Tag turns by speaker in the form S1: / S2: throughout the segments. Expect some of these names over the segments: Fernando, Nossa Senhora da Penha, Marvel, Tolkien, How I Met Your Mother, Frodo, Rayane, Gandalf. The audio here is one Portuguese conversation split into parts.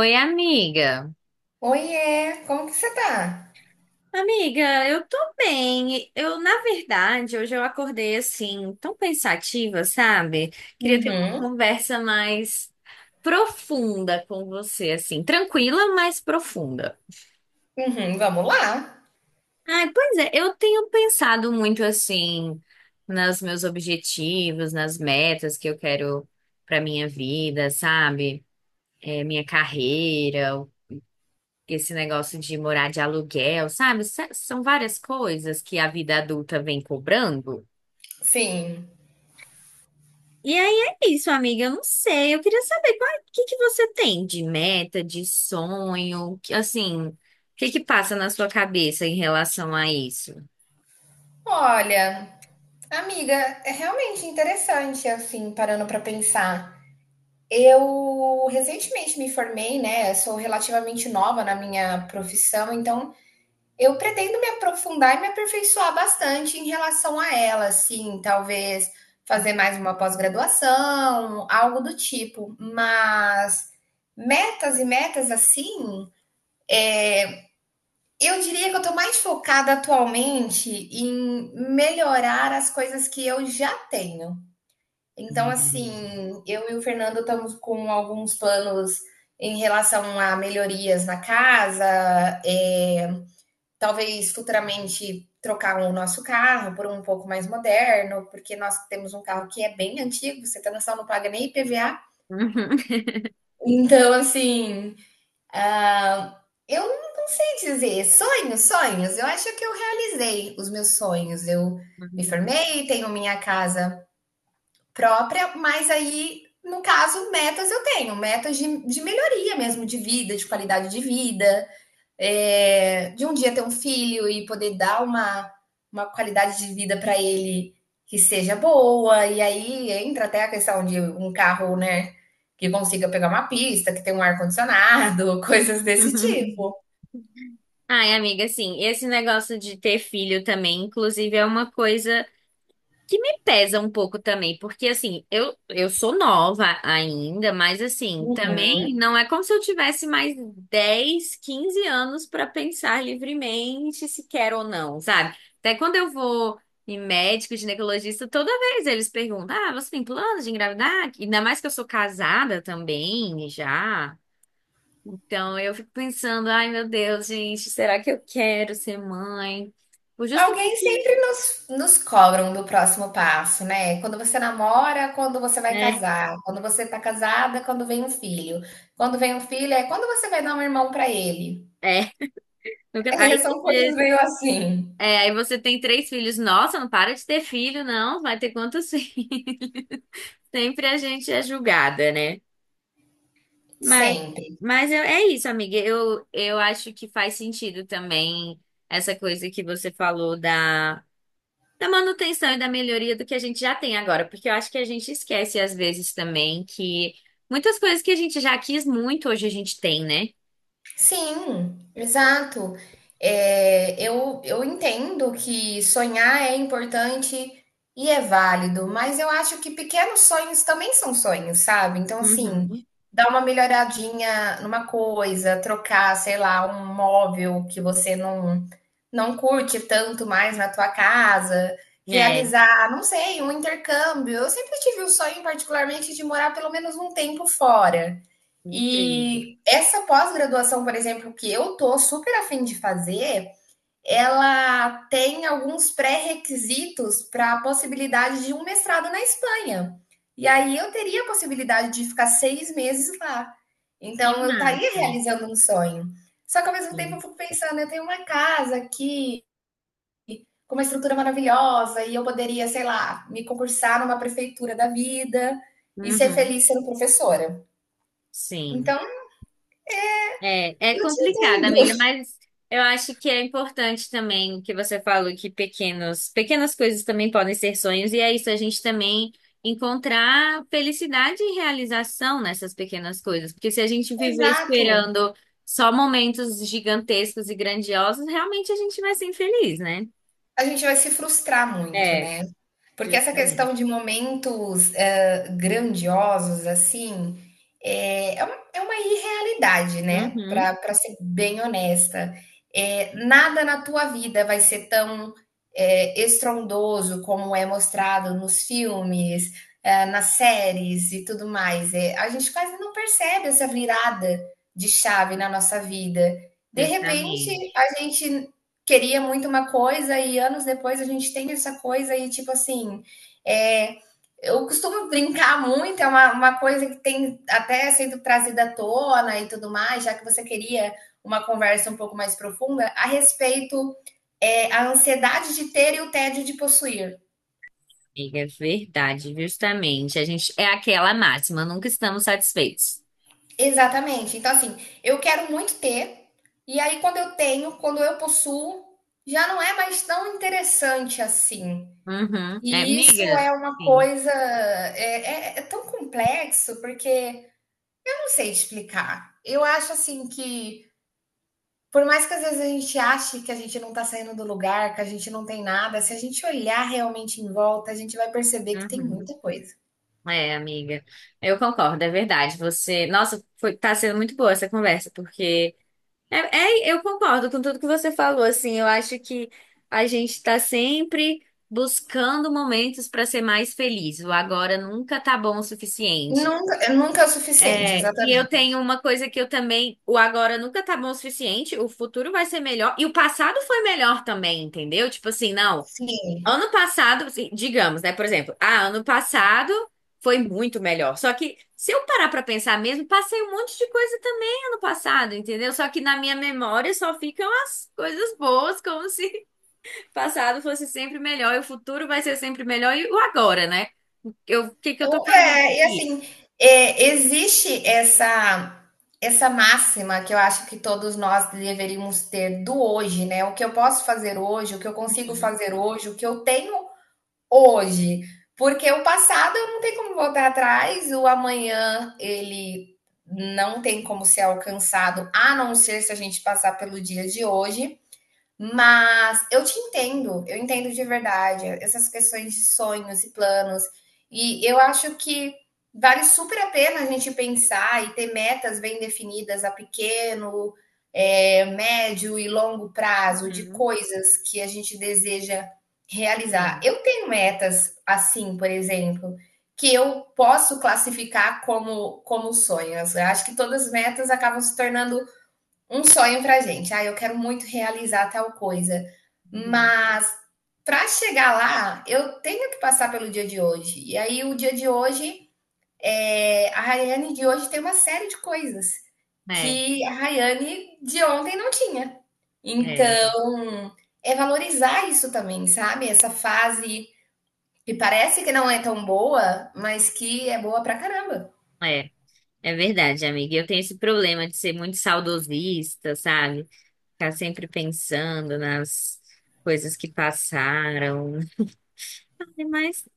S1: Oi, amiga.
S2: Oiê, como que você tá?
S1: Amiga, eu tô bem. Na verdade, hoje eu acordei assim, tão pensativa, sabe? Queria ter uma
S2: Uhum,
S1: conversa mais profunda com você, assim, tranquila, mas profunda.
S2: uhum, vamos lá.
S1: Ai, pois é, eu tenho pensado muito assim nos meus objetivos, nas metas que eu quero pra minha vida, sabe? Minha carreira, esse negócio de morar de aluguel, sabe? São várias coisas que a vida adulta vem cobrando.
S2: Sim.
S1: E aí é isso, amiga. Eu não sei. Eu queria saber o que que você tem de meta, de sonho, que, assim, o que que passa na sua cabeça em relação a isso?
S2: Olha, amiga, é realmente interessante, assim, parando pra pensar. Eu recentemente me formei, né? Sou relativamente nova na minha profissão, então eu pretendo me aprofundar e me aperfeiçoar bastante em relação a ela, assim, talvez fazer mais uma pós-graduação, algo do tipo. Mas metas e metas assim. Eu diria que eu estou mais focada atualmente em melhorar as coisas que eu já tenho. Então,
S1: Hum.
S2: assim, eu e o Fernando estamos com alguns planos em relação a melhorias na casa, é, talvez futuramente trocar o nosso carro por um pouco mais moderno, porque nós temos um carro que é bem antigo, você tá noção, não paga nem IPVA. Então, assim, ah, eu não sei dizer. Sonhos, sonhos. Eu acho que eu realizei os meus sonhos. Eu me formei, tenho minha casa própria, mas aí, no caso, metas eu tenho. Metas de melhoria mesmo, de vida, de qualidade de vida é, de um dia ter um filho e poder dar uma qualidade de vida para ele que seja boa. E aí entra até a questão de um carro, né? Que consiga pegar uma pista, que tenha um ar-condicionado, coisas desse tipo.
S1: Ai, amiga, assim, esse negócio de ter filho também, inclusive, é uma coisa que me pesa um pouco também, porque assim, eu sou nova ainda, mas assim, também
S2: Uhum.
S1: não é como se eu tivesse mais 10, 15 anos para pensar livremente se quero ou não, sabe? Até quando eu vou em médico, ginecologista, toda vez eles perguntam: "Ah, você tem planos de engravidar?" Ainda mais que eu sou casada também, já. Então eu fico pensando: "Ai, meu Deus, gente, será que eu quero ser mãe?" Por
S2: Alguém
S1: justamente,
S2: sempre nos, nos cobram do próximo passo, né? Quando você namora, quando você vai
S1: né?
S2: casar, quando você tá casada, quando vem um filho. Quando vem um filho, é quando você vai dar um irmão para ele.
S1: É. Aí
S2: É, são
S1: você...
S2: coisas meio assim,
S1: É, aí você tem 3 filhos. Nossa, não para de ter filho, não. Vai ter quantos filhos? Sempre a gente é julgada, né? Mas,
S2: sempre.
S1: É isso, amiga. Eu acho que faz sentido também essa coisa que você falou da manutenção e da melhoria do que a gente já tem agora. Porque eu acho que a gente esquece às vezes também que muitas coisas que a gente já quis muito, hoje a gente tem, né?
S2: Sim, exato. É, eu entendo que sonhar é importante e é válido, mas eu acho que pequenos sonhos também são sonhos, sabe? Então, assim,
S1: Uhum.
S2: dar uma melhoradinha numa coisa, trocar, sei lá, um móvel que você não, não curte tanto mais na tua casa,
S1: É,
S2: realizar, não sei, um intercâmbio. Eu sempre tive o sonho, particularmente, de morar pelo menos um tempo fora.
S1: incrível.
S2: E essa pós-graduação, por exemplo, que eu tô super afim de fazer, ela tem alguns pré-requisitos para a possibilidade de um mestrado na Espanha. E aí eu teria a possibilidade de ficar seis meses lá.
S1: Que
S2: Então eu estaria
S1: massa.
S2: realizando um sonho. Só que ao mesmo tempo eu
S1: Sim.
S2: fico pensando, eu tenho uma casa aqui com uma estrutura maravilhosa e eu poderia, sei lá, me concursar numa prefeitura da vida e ser
S1: Uhum.
S2: feliz sendo professora.
S1: Sim.
S2: Então,
S1: É, é
S2: eu te
S1: complicado, amiga,
S2: entendo.
S1: mas eu acho que é importante também o que você falou, que pequenas coisas também podem ser sonhos, e é isso, a gente também encontrar felicidade e realização nessas pequenas coisas, porque se a gente viver
S2: Exato.
S1: esperando só momentos gigantescos e grandiosos, realmente a gente vai ser infeliz, né?
S2: A gente vai se frustrar muito,
S1: É,
S2: né. Porque essa
S1: justamente.
S2: questão de momentos, grandiosos, assim, é uma irrealidade, né,
S1: Uhum,
S2: para ser bem honesta. Nada na tua vida vai ser tão, estrondoso como é mostrado nos filmes, nas séries e tudo mais. A gente quase não percebe essa virada de chave na nossa vida. De repente,
S1: justamente.
S2: a gente queria muito uma coisa e anos depois a gente tem essa coisa e tipo assim, é, eu costumo brincar muito, é uma coisa que tem até sendo trazida à tona e tudo mais, já que você queria uma conversa um pouco mais profunda a respeito é, a ansiedade de ter e o tédio de possuir.
S1: Amiga, é verdade, justamente. A gente é aquela máxima, nunca estamos satisfeitos.
S2: Exatamente. Então assim, eu quero muito ter e aí quando eu tenho, quando eu possuo, já não é mais tão interessante assim.
S1: Uhum. É,
S2: E isso
S1: amiga?
S2: é uma
S1: Sim.
S2: coisa é tão complexo porque eu não sei explicar. Eu acho assim que por mais que às vezes a gente ache que a gente não está saindo do lugar, que a gente não tem nada, se a gente olhar realmente em volta, a gente vai perceber que tem
S1: Uhum.
S2: muita coisa.
S1: É, amiga. Eu concordo, é verdade. Você, nossa, tá sendo muito boa essa conversa, porque é, eu concordo com tudo que você falou, assim. Eu acho que a gente tá sempre buscando momentos para ser mais feliz. O agora nunca tá bom o suficiente.
S2: Nunca, nunca é o suficiente,
S1: É, e eu
S2: exatamente.
S1: tenho uma coisa que eu também, o agora nunca tá bom o suficiente, o futuro vai ser melhor e o passado foi melhor também, entendeu? Tipo assim, não.
S2: Sim.
S1: Ano passado, assim, digamos, né? Por exemplo, ah, ano passado foi muito melhor. Só que se eu parar pra pensar mesmo, passei um monte de coisa também ano passado, entendeu? Só que na minha memória só ficam as coisas boas, como se passado fosse sempre melhor e o futuro vai ser sempre melhor e o agora, né? Eu, o que que eu tô fazendo
S2: E
S1: aqui?
S2: assim, existe essa máxima que eu acho que todos nós deveríamos ter do hoje, né? O que eu posso fazer hoje, o que eu consigo fazer hoje, o que eu tenho hoje. Porque o passado eu não tenho como voltar atrás, o amanhã ele não tem como ser alcançado, a não ser se a gente passar pelo dia de hoje. Mas eu te entendo, eu entendo de verdade essas questões de sonhos e planos. E eu acho que vale super a pena a gente pensar e ter metas bem definidas a pequeno, médio e longo prazo de
S1: Uhum,
S2: coisas que a gente deseja realizar.
S1: sim,
S2: Eu tenho metas assim, por exemplo, que eu posso classificar como sonhos. Eu acho que todas as metas acabam se tornando um sonho para gente. Ah, eu quero muito realizar tal coisa,
S1: uhum.
S2: mas para chegar lá, eu tenho que passar pelo dia de hoje. E aí, o dia de hoje, é... a Rayane de hoje tem uma série de coisas
S1: É,
S2: que a Rayane de ontem não tinha.
S1: é,
S2: Então, é valorizar isso também, sabe? Essa fase que parece que não é tão boa, mas que é boa pra caramba.
S1: é. É verdade, amiga. Eu tenho esse problema de ser muito saudosista, sabe? Ficar sempre pensando nas coisas que passaram. Mas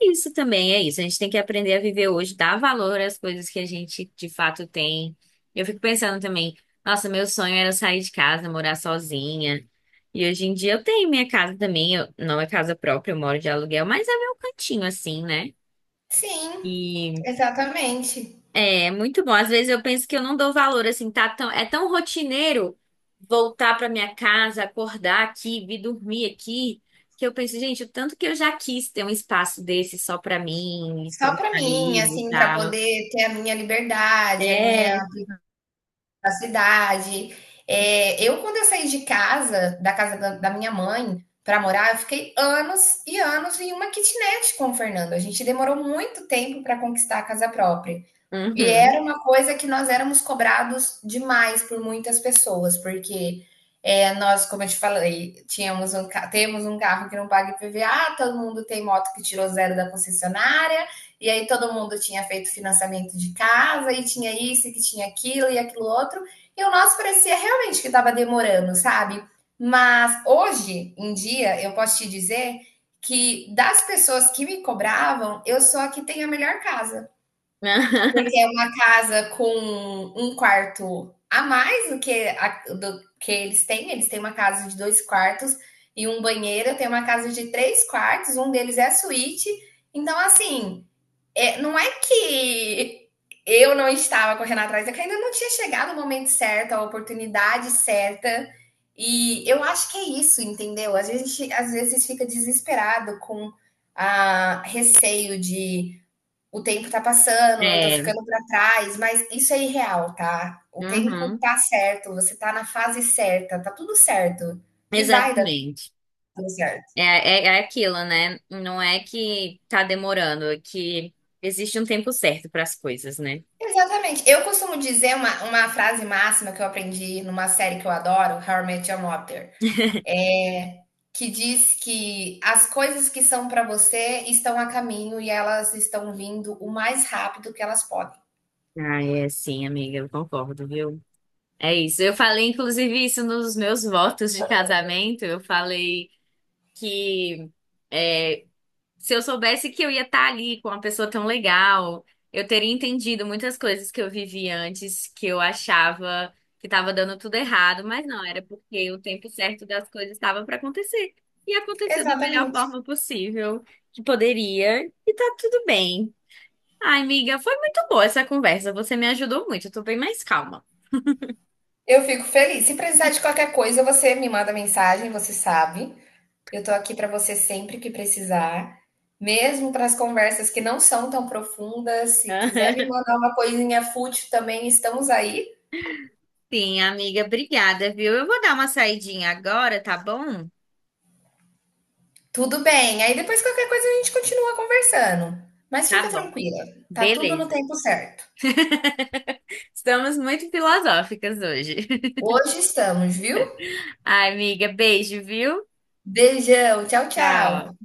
S1: é isso também é isso. A gente tem que aprender a viver hoje, dar valor às coisas que a gente de fato tem. Eu fico pensando também, nossa, meu sonho era sair de casa, morar sozinha. E hoje em dia eu tenho minha casa também, não é casa própria, eu moro de aluguel, mas é meu cantinho assim, né?
S2: Sim,
S1: E...
S2: exatamente.
S1: É, muito bom. Às vezes eu penso que eu não dou valor, assim, tá tão, é tão rotineiro voltar pra minha casa, acordar aqui, vir dormir aqui, que eu penso, gente, o tanto que eu já quis ter um espaço desse só pra mim, pro
S2: Só
S1: meu
S2: pra mim,
S1: marido e
S2: assim, pra
S1: tal.
S2: poder ter a minha liberdade, a
S1: É,
S2: minha privacidade. Eu quando eu saí de casa, da casa da minha mãe, pra morar, eu fiquei anos e anos em uma kitnet com o Fernando, a gente demorou muito tempo pra conquistar a casa própria. E
S1: uhum.
S2: era uma coisa que nós éramos cobrados demais por muitas pessoas, porque nós, como eu te falei, temos um carro que não paga IPVA, todo mundo tem moto que tirou zero da concessionária, e aí todo mundo tinha feito financiamento de casa, e tinha isso, e que tinha aquilo, e aquilo outro, e o nosso parecia realmente que estava demorando, sabe? Mas hoje em dia, eu posso te dizer que das pessoas que me cobravam, eu sou a que tem a melhor casa. Porque é uma casa com um quarto a mais do do que eles têm. Eles têm uma casa de dois quartos e um banheiro. Eu tenho uma casa de três quartos, um deles é a suíte. Então, assim, não é que eu não estava correndo atrás, é que ainda não tinha chegado o momento certo, a oportunidade certa. E eu acho que é isso, entendeu? Às vezes fica desesperado com a receio de o tempo tá passando, eu tô
S1: É,
S2: ficando pra trás, mas isso é irreal, tá? O tempo
S1: uhum.
S2: tá certo, você tá na fase certa, tá tudo certo. E vai dar
S1: Exatamente.
S2: tudo certo.
S1: É aquilo, né? Não é que tá demorando, é que existe um tempo certo para as coisas, né?
S2: Exatamente. Eu costumo dizer uma frase máxima que eu aprendi numa série que eu adoro, How I Met Your Mother, é, que diz que as coisas que são pra você estão a caminho e elas estão vindo o mais rápido que elas podem.
S1: Ah, é sim, amiga, eu concordo, viu? É isso. Eu falei, inclusive, isso nos meus votos de casamento. Eu falei que é, se eu soubesse que eu ia estar ali com uma pessoa tão legal, eu teria entendido muitas coisas que eu vivi antes, que eu achava que estava dando tudo errado, mas não, era porque o tempo certo das coisas estava para acontecer. E aconteceu da melhor
S2: Exatamente.
S1: forma possível que poderia, e tá tudo bem. Ai, amiga, foi muito boa essa conversa. Você me ajudou muito, eu tô bem mais calma.
S2: Eu fico feliz. Se precisar de qualquer coisa, você me manda mensagem, você sabe. Eu tô aqui para você sempre que precisar, mesmo para as conversas que não são tão profundas. Se quiser me mandar uma coisinha fútil também, estamos aí.
S1: Sim, amiga, obrigada, viu? Eu vou dar uma saidinha agora, tá bom?
S2: Tudo bem. Aí depois qualquer coisa a gente continua conversando. Mas fica
S1: Tá bom.
S2: tranquila, tá tudo no
S1: Beleza.
S2: tempo certo.
S1: Estamos muito filosóficas hoje.
S2: Hoje estamos, viu?
S1: Ai, amiga, beijo, viu?
S2: Beijão, tchau,
S1: Tchau.
S2: tchau.